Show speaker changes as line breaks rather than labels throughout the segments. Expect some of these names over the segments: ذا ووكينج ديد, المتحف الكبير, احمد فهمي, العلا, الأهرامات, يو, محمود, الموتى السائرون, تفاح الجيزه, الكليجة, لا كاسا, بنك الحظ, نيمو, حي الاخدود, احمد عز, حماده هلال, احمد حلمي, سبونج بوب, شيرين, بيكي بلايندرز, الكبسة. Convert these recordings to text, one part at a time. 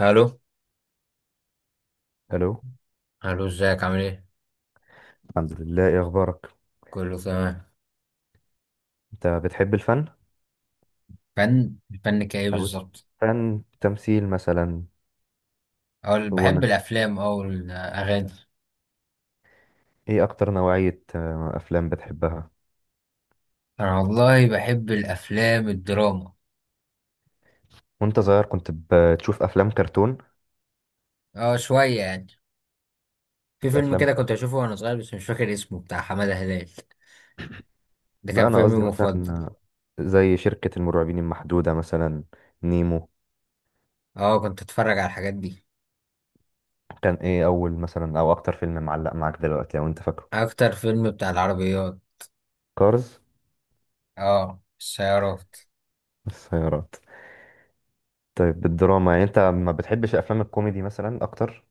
الو.
الو.
الو، ازيك عامل ايه؟
الحمد لله، ايه اخبارك؟
كله تمام.
انت بتحب الفن؟
الفن كايه
او
بالظبط؟
فن تمثيل مثلا.
اقول
غنى.
بحب الافلام او الاغاني.
ايه اكتر نوعية افلام بتحبها؟
انا والله بحب الافلام الدراما.
وانت صغير كنت بتشوف افلام كرتون؟
اه، شويه يعني. في فيلم
افلام
كده كنت
كرتون.
اشوفه وانا صغير، بس مش فاكر اسمه، بتاع حماده هلال. ده
لا
كان
انا
فيلمي
قصدي مثلا،
المفضل.
زي شركة المرعبين المحدودة مثلا. نيمو.
اه، كنت اتفرج على الحاجات دي.
كان ايه اول مثلا او اكتر فيلم معلق معاك دلوقتي لو انت فاكره؟
اكتر فيلم بتاع العربيات.
كارز.
اه، السيارات.
السيارات. طيب، بالدراما يعني انت ما بتحبش افلام الكوميدي مثلا اكتر؟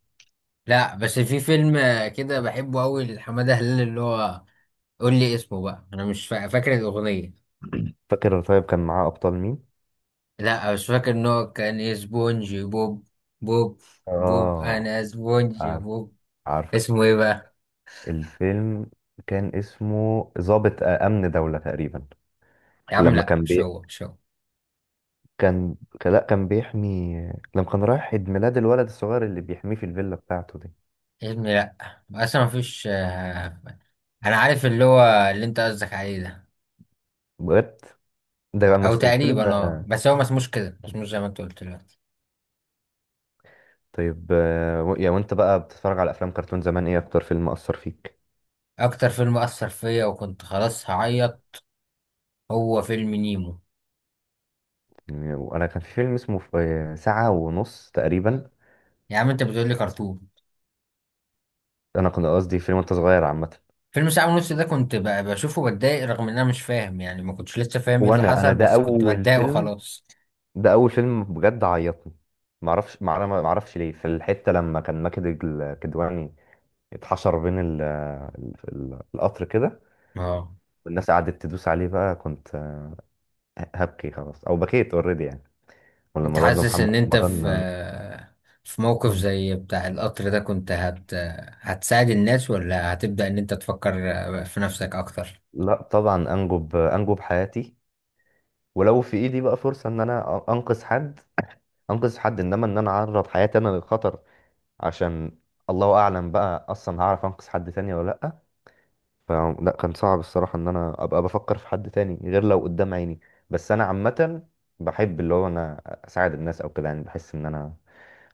لا، بس في فيلم كده بحبه قوي لحماده هلال، اللي هو قول لي اسمه بقى، انا مش فاكر الاغنيه.
فاكر؟ طيب كان معاه ابطال مين؟
لا مش فاكر ان هو كان ايه، سبونج بوب. بوب. بوب،
اه.
انا سبونج بوب.
عارفه.
اسمه ايه بقى؟
الفيلم كان اسمه ضابط أمن دولة تقريبا.
يا عم
لما
لا،
كان
مش
بي...
هو مش هو.
كان لا كان بيحمي. لما كان رايح عيد ميلاد الولد الصغير اللي بيحميه في الفيلا بتاعته دي.
يا ابني لا. اصلا مفيش. انا عارف اللي هو، اللي انت قصدك عليه ده.
بجد.
او
فيلم.
تقريبا، اه، بس هو ما اسموش كده، ما اسموش زي ما انت قلت دلوقتي.
طيب، آه، و... يا وانت بقى بتتفرج على افلام كرتون زمان، ايه اكتر فيلم اثر فيك؟
اكتر فيلم اثر فيا وكنت خلاص هعيط هو فيلم نيمو.
يعني وانا كان في فيلم اسمه ساعة ونص تقريبا.
يا عم انت بتقول لي كرتون.
انا كنت قصدي فيلم وانت صغير عامة.
فيلم ساعة ونص ده كنت بشوفه بتضايق، رغم ان انا مش فاهم يعني، ما كنتش لسه فاهم ايه اللي
وانا
حصل،
ده
بس كنت
اول
بتضايق
فيلم.
وخلاص.
ده اول فيلم بجد عيطني. معرفش ليه، في الحته لما كان ماجد الكدواني اتحشر بين ال القطر كده،
اه.
والناس قعدت تدوس عليه بقى، كنت هبكي خلاص، او بكيت اوريدي يعني.
انت
ولما برضه
حاسس
محمد
ان انت في
رمضان.
في موقف
مم.
زي بتاع القطر ده كنت هتساعد الناس، ولا هتبدأ ان انت تفكر في نفسك اكتر؟
لا طبعا، انجب انجب حياتي. ولو في ايدي بقى فرصه ان انا انقذ حد، انقذ حد. انما ان انا اعرض حياتي انا للخطر عشان... الله اعلم بقى اصلا هعرف انقذ حد تاني ولا لا. ف... لا كان صعب الصراحة ان انا ابقى بفكر في حد تاني غير لو قدام عيني. بس انا عامة بحب اللي هو انا اساعد الناس او كده يعني، بحس ان انا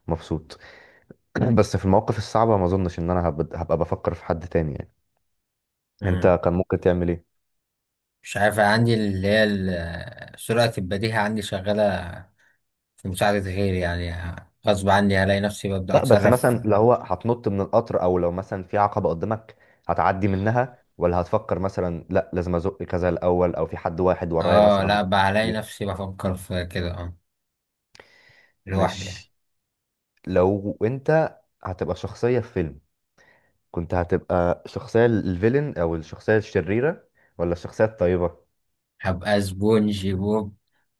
مبسوط. بس في المواقف الصعبة ما اظنش ان انا هبقى بفكر في حد تاني يعني. انت
مم.
كان ممكن تعمل ايه؟
مش عارف، عندي اللي هي سرعة البديهة عندي شغالة في مساعدة غيري يعني، غصب عني هلاقي نفسي ببدأ
لا بس
اتصرف.
مثلا لو هو هتنط من القطر، او لو مثلا في عقبة قدامك، هتعدي منها ولا هتفكر مثلا لا لازم ازق كذا الاول، او في حد واحد ورايا
اه،
مثلا.
لا بقى هلاقي
كتير.
نفسي بفكر في كده، اه، لوحدي يعني.
مش لو انت هتبقى شخصية في فيلم، كنت هتبقى الشخصية الفيلن أو الشخصية الشريرة، ولا الشخصية الطيبة؟
هبقى سبونج بوب.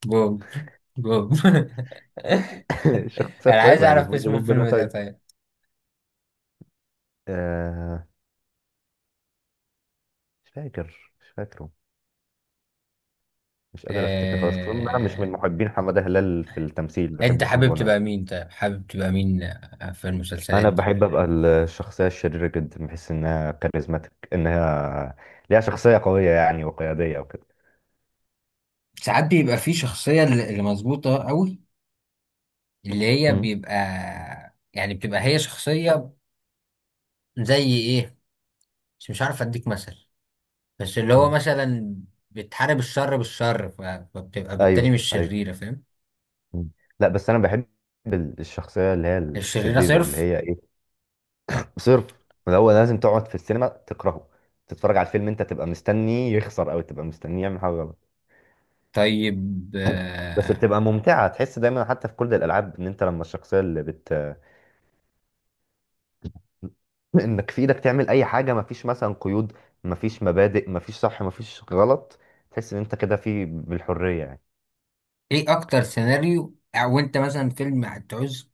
بوب. بوب.
الشخصية
انا عايز
الطيبة يعني
اعرف
سبونج
اسم
بوب ده
الفيلم ده
طيب.
طيب.
آه. مش فاكر مش فاكره. مش قادر أفتكر خلاص، خصوصا إن أنا مش
آه...
من محبين حمادة هلال في التمثيل،
انت
بحبه في
حابب
الغنى.
تبقى مين، طيب حابب تبقى مين، في المسلسلات
أنا
دي؟
بحب أبقى الشخصية الشريرة جدا، بحس إنها كاريزماتيك، إنها ليها شخصية قوية يعني وقيادية وكده.
ساعات بيبقى في شخصية اللي مظبوطة قوي، اللي هي
مم.
بيبقى يعني بتبقى هي شخصية، زي ايه، مش عارف اديك مثل، بس اللي هو
مم.
مثلا بتحارب الشر بالشر، فبتبقى بالتالي
أيوه
مش
أيوه.
شريرة، فاهم؟
مم. لا بس أنا بحب الشخصية اللي هي
الشريرة
الشريرة، اللي
صرف.
هي صرف. هو لازم تقعد في السينما تكرهه، تتفرج على الفيلم انت تبقى مستني يخسر او تبقى مستني يعمل حاجه غلط.
طيب.
بس بتبقى ممتعه، تحس دايما حتى في كل الالعاب ان انت لما الشخصيه اللي بت انك في ايدك تعمل اي حاجه، مفيش مثلا قيود، مفيش مبادئ، مفيش صح مفيش غلط. تحس ان انت كده في بالحريه يعني.
ايه اكتر سيناريو، او انت مثلا فيلم هتعوز،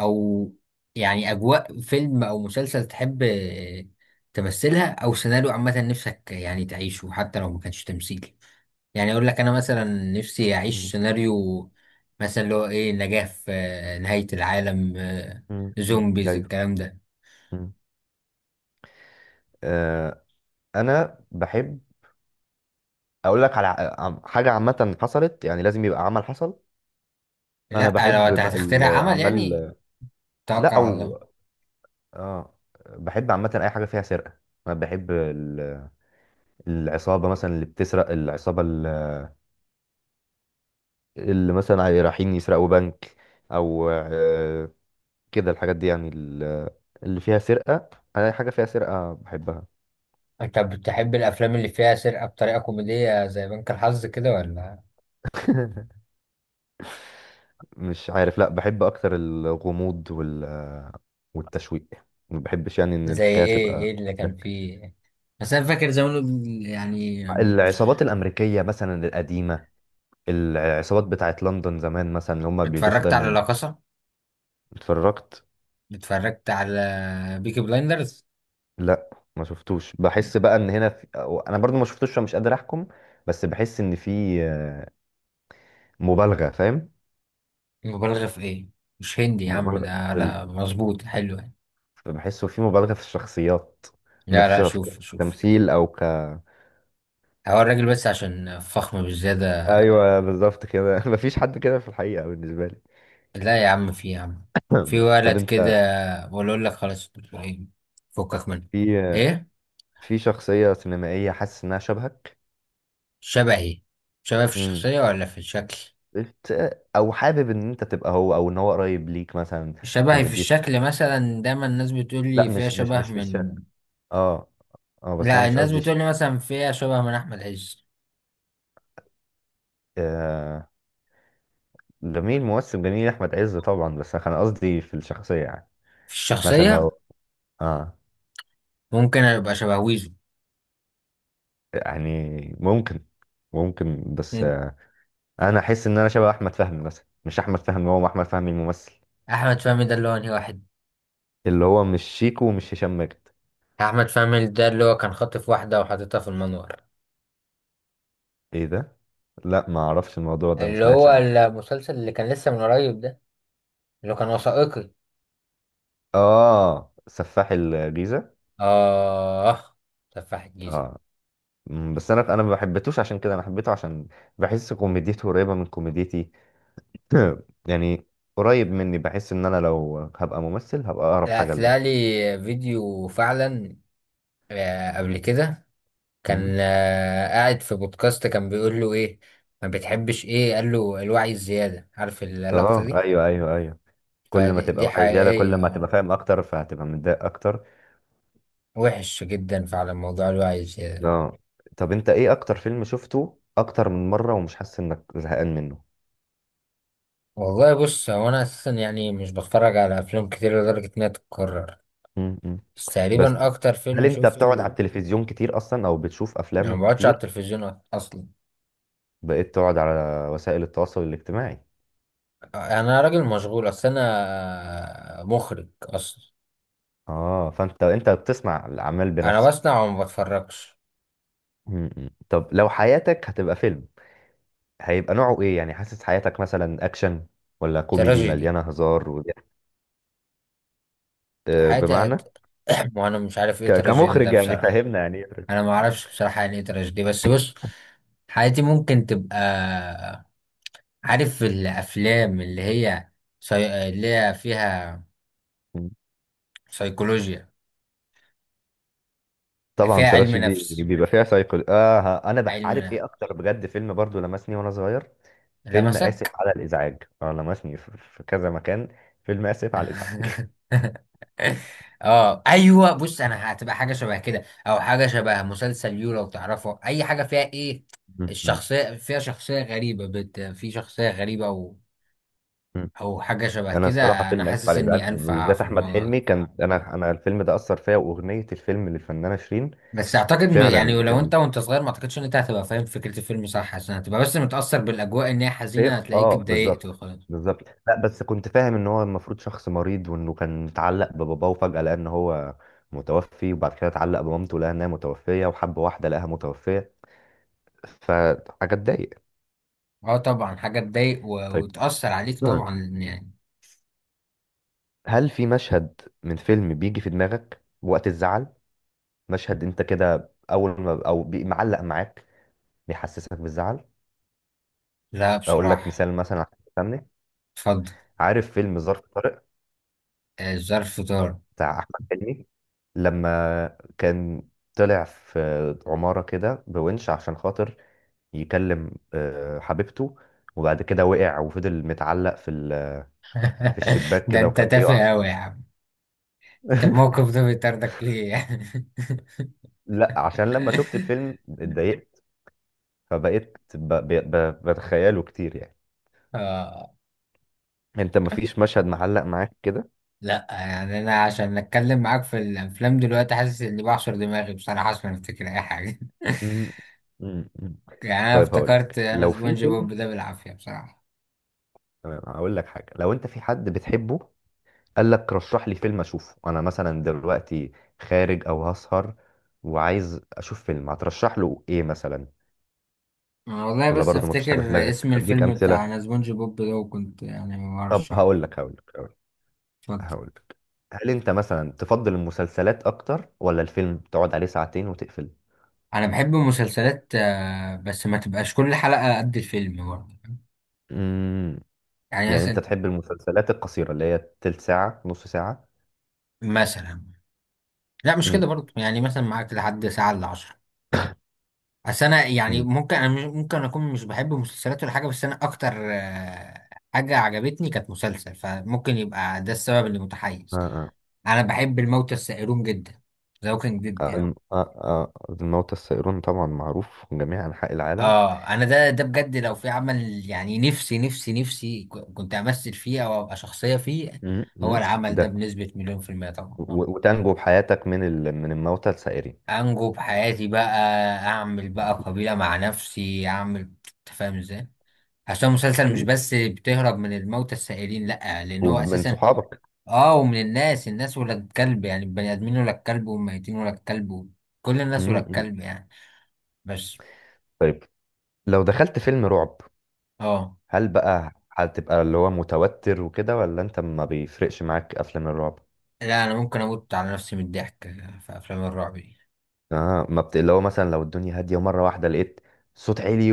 او يعني اجواء فيلم او مسلسل تحب تمثلها، او سيناريو عامه نفسك يعني تعيشه حتى لو ما كانش تمثيل؟ يعني اقول لك انا مثلا نفسي اعيش
مم.
سيناريو مثلا اللي هو ايه، نجاة في نهاية العالم،
مم. مم.
زومبيز
ايوه.
الكلام ده.
مم. آه. انا بحب اقول لك على حاجه عامه حصلت يعني، لازم يبقى عمل حصل. انا
لا لو
بحب
هتخترع عمل يعني
الاعمال.
توكل
لا
على الله.
او اه. بحب عامة أي حاجة فيها سرقة. أنا بحب العصابة مثلا اللي بتسرق، العصابة اللي مثلا رايحين يسرقوا بنك، أو كده الحاجات دي يعني، اللي فيها سرقة. أنا أي حاجة فيها سرقة بحبها.
انت بتحب الافلام اللي فيها سرقة بطريقة كوميدية زي بنك الحظ كده ولا؟
مش عارف، لا بحب أكتر الغموض والتشويق. ما بحبش يعني إن
زي
الحكاية
ايه
تبقى
ايه اللي كان
ده.
فيه؟ بس انا فاكر زمان يعني،
العصابات الأمريكية مثلا القديمة، العصابات بتاعت لندن زمان مثلا اللي هما بيلبسوا
اتفرجت على
دايما.
لا كاسا،
اتفرجت.
اتفرجت على بيكي بلايندرز.
لا ما شفتوش، بحس بقى ان هنا في... انا برضو ما شفتوش فمش قادر احكم. بس بحس ان في مبالغه، فاهم؟
مبالغة في ايه؟ مش هندي يا عم
مبالغه
ده،
في ال...
لا مظبوط حلو يعني.
بحسه في مبالغه في الشخصيات
لا لا،
نفسها في
شوف شوف.
التمثيل او ك
هو الراجل بس عشان فخم بالزيادة.
ايوه بالظبط كده. مفيش حد كده في الحقيقه بالنسبه لي.
لا يا عم، في يا عم، في
ماشي. طب
ولد كده.
انت،
بقول اقول لك خلاص، فكك منه.
في
ايه؟
في شخصيه سينمائيه حاسس انها شبهك؟
شبهي؟ شبه في
امم
الشخصية ولا في الشكل؟
بت... او حابب ان انت تبقى هو، او ان هو قريب ليك مثلا؟
شبهي في
كوميدي.
الشكل مثلا، دايما الناس بتقول
لا
لي فيها
مش مش
شبه
مش في
من.
الشارع. اه. اه بس انا
لا
مش
الناس
قصدي.
بتقول لي مثلا فيها شبه من احمد عز.
آه. جميل، ممثل جميل احمد عز طبعا، بس انا قصدي في الشخصيه يعني.
في
مثلا
الشخصيه
لو... اه.
ممكن ابقى شبه ويزو.
يعني ممكن. ممكن بس
مم.
انا احس ان انا شبه احمد فهمي مثلا، مش احمد فهمي، هو احمد فهمي الممثل،
احمد فهمي ده اللي هو انهي واحد؟
اللي هو مش شيكو ومش هشام ماجد.
احمد فهمي ده اللي هو كان خاطف واحده وحاططها في المنور،
ايه ده؟ لا ما اعرفش الموضوع ده، ما
اللي
سمعتش
هو
عنه.
المسلسل اللي كان لسه من قريب ده، اللي هو كان وثائقي.
اه سفاح الجيزه.
اه، تفاح الجيزه.
اه. بس انا ما حبيتوش عشان كده. انا حبيته عشان بحس كوميديته قريبه من كوميديتي. يعني قريب مني، بحس ان انا لو هبقى ممثل هبقى اقرب
لا،
حاجه
طلع
لده.
لي فيديو فعلا قبل كده.
مم.
كان قاعد في بودكاست، كان بيقول له: ايه ما بتحبش؟ ايه قال له؟ الوعي الزياده، عارف اللقطه
اه
دي؟
ايوه ايوه ايوه. كل ما
فدي
تبقى
دي
واعي زياده، كل
حقيقية.
ما هتبقى فاهم اكتر فهتبقى متضايق اكتر.
وحش جدا فعلا موضوع الوعي زيادة.
اه. طب انت، ايه اكتر فيلم شفته اكتر من مره ومش حاسس انك زهقان منه؟
والله بص، هو أنا أساسا يعني مش بتفرج على أفلام كتير لدرجة إنها تتكرر،
مم. مم.
بس تقريبا
بس.
أكتر
هل
فيلم
انت بتقعد على
شفته.
التلفزيون كتير اصلا، او بتشوف
يعني
افلام
ما بقعدش على
كتير؟
التلفزيون أصلا.
بقيت تقعد على وسائل التواصل الاجتماعي.
أنا راجل مشغول، أصل أنا مخرج أصلا.
اه، فانت انت بتسمع الاعمال
أنا
بنفسك.
بصنع وما بتفرجش.
مم. مم. طب لو حياتك هتبقى فيلم، هيبقى نوعه ايه يعني؟ حاسس حياتك مثلا اكشن، ولا كوميدي
تراجيدي.
مليانه هزار وضحك؟
حاجة
بمعنى.
وأنا مش عارف إيه تراجيدي ده
كمخرج يعني
بصراحة.
فاهمنا يعني.
أنا ما أعرفش بصراحة يعني إيه تراجيدي، بس بص، حياتي ممكن تبقى، عارف الأفلام اللي هي اللي هي فيها
مم.
سيكولوجيا،
طبعا
فيها علم
تراشي دي،
نفس.
بيبقى فيها سايكل. اه ها، انا
علم
عارف ايه
نفس.
اكتر بجد فيلم برضو لمسني وانا صغير؟ فيلم اسف
لمسك؟
على الازعاج. اه لمسني في كذا مكان. فيلم اسف على الازعاج.
اه ايوه، بص انا هتبقى حاجه شبه كده، او حاجه شبه مسلسل يو، لو تعرفه، اي حاجه فيها ايه،
م- م-
الشخصيه فيها شخصيه غريبه، في شخصيه غريبه
م.
او حاجه شبه
انا الصراحه
كده. انا
فيلم اسف
حاسس
على
اني
الازعاج،
انفع
وبالذات
في
احمد
الموضوع
حلمي.
ده.
كان انا الفيلم ده اثر فيا، واغنيه الفيلم للفنانه شيرين.
بس اعتقد، يعني
فعلا
لو
كان...
انت وانت صغير، ما اعتقدش ان انت هتبقى فاهم فكرة الفيلم صح، عشان هتبقى بس متأثر بالاجواء ان هي حزينة،
ايه،
هتلاقيك اتضايقت
بالظبط.
وخلاص.
بالظبط بالظبط. لا بس كنت فاهم ان هو المفروض شخص مريض، وانه كان متعلق بباباه وفجأة لقى ان هو متوفي، وبعد كده اتعلق بمامته لقى انها متوفية، وحب واحدة لقاها متوفية. فحاجة تضايق.
اه طبعا، حاجة تضايق
طيب.
وتأثر عليك
نعم.
طبعا يعني.
هل في مشهد من فيلم بيجي في دماغك وقت الزعل؟ مشهد انت كده اول ما معلق معاك بيحسسك بالزعل؟
لا
اقول لك
بصراحة.
مثال مثلا عشان تفهمني.
اتفضل.
عارف فيلم ظرف طارق
ظرف طار.
بتاع احمد حلمي؟ لما كان طلع في عماره كده بونش عشان خاطر يكلم حبيبته، وبعد كده وقع وفضل متعلق في في الشباك
ده
كده
انت
وكان
تافه
بيقع.
قوي يا عم. طب الموقف ده بيطردك ليه يعني؟
لا عشان لما شفت الفيلم اتضايقت، فبقيت بتخيله كتير يعني.
آه
انت مفيش مشهد معلق معاك كده؟
لا، يعني انا عشان اتكلم معاك في الافلام دلوقتي حاسس اني بعصر دماغي بصراحة عشان افتكر اي حاجة.
مم. مم. مم.
يعني انا
طيب هقول
افتكرت
لك.
انا
لو في
سبونج
فيلم...
بوب ده بالعافية بصراحة.
تمام هقول لك حاجه، لو انت في حد بتحبه قال لك رشح لي فيلم اشوفه، انا مثلا دلوقتي خارج او هسهر وعايز اشوف فيلم، هترشح له ايه مثلا؟
انا والله
ولا
بس
برضه مفيش حاجه في
افتكر
دماغك؟
اسم
اديك
الفيلم بتاع
امثله.
انا سبونج بوب ده، وكنت يعني
طب
برشحه.
هقول لك هقول لك
اتفضل.
هقول لك هل انت مثلا تفضل المسلسلات اكتر، ولا الفيلم تقعد عليه ساعتين وتقفل؟
انا بحب المسلسلات، بس ما تبقاش كل حلقة قد الفيلم برضه.
امم
يعني
يعني انت
مثلا.
تحب المسلسلات القصيره اللي هي تلت ساعه نص ساعه؟
مثلا. لا مش
امم.
كده برضه، يعني مثلا معاك لحد ساعة الا عشرة. بس انا يعني
امم.
ممكن انا ممكن اكون مش بحب مسلسلات ولا حاجة، بس انا اكتر حاجة عجبتني كانت مسلسل، فممكن يبقى ده السبب اللي
آه
متحيز.
آه.
انا بحب الموتى السائرون جدا، ذا ووكينج ديد يعني.
الموتى السائرون طبعا معروف في جميع أنحاء العالم.
اه، انا ده بجد لو في عمل يعني، نفسي نفسي نفسي كنت امثل فيه او ابقى شخصية فيه.
امم.
هو
أمم.
العمل ده
ده.
بنسبة مليون في المية طبعا. اه
وتنجو بحياتك من من الموتى السائرين.
انجو بحياتي بقى، اعمل بقى قبيلة مع نفسي، اعمل انت فاهم ازاي؟ عشان المسلسل مش
اكيد،
بس بتهرب من الموتى السائرين، لا، لان هو
ومن
اساسا
صحابك.
اه، ومن الناس، الناس ولا الكلب يعني، البني ادمين ولا الكلب، والميتين ولا الكلب، كل الناس ولا
م.
الكلب يعني. بس.
طيب، لو دخلت فيلم رعب،
اه.
هل بقى هتبقى اللي هو متوتر وكده، ولا انت ما بيفرقش معاك افلام الرعب؟
لا انا ممكن اموت على نفسي من الضحك في افلام الرعب دي.
اه ما بت... اللي هو مثلا لو الدنيا هاديه ومره واحده لقيت صوت عالي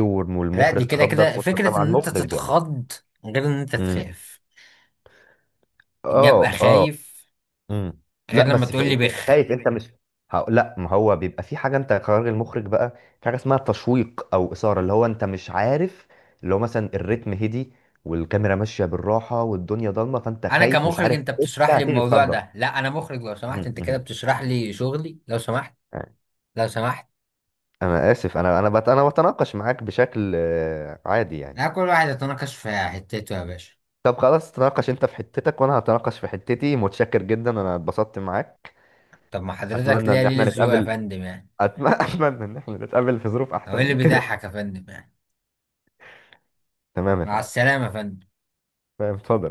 لا دي
والمخرج
كده
خضك،
كده
وانت
فكرة
طبعا
ان انت
مخرج يعني.
تتخض غير ان انت
امم.
تخاف. إني ابقى
اه اه.
خايف
امم.
غير
لا
لما
بس
تقول
يعني
لي
انت
بخ.
خايف، انت مش... لا ما هو بيبقى في حاجه، انت قرار المخرج بقى، في حاجه اسمها تشويق او اثاره اللي هو انت مش عارف. اللي هو مثلا الريتم هدي والكاميرا ماشيه بالراحه والدنيا ضلمه، فانت
انا
خايف مش
كمخرج،
عارف
انت
إيه، انت
بتشرح لي
هتيجي
الموضوع
تخضم.
ده؟ لا انا مخرج لو سمحت، انت كده
امم.
بتشرح لي شغلي لو سمحت. لو سمحت.
انا اسف، انا بتناقش معاك بشكل عادي يعني.
لا كل واحد يتناقش في حتته يا باشا.
طب خلاص، تناقش انت في حتتك وانا هتناقش في حتتي. متشكر جدا، انا اتبسطت معاك.
طب ما حضرتك
اتمنى
ليا
ان احنا
ليلة ذوق يا
نتقابل.
فندم يعني.
اتمنى ان احنا نتقابل في ظروف
او
احسن
ايه اللي
من كده.
بيضحك يا فندم يعني؟
تمام يا
مع
فندم.
السلامة يا فندم.
تمام اتفضل.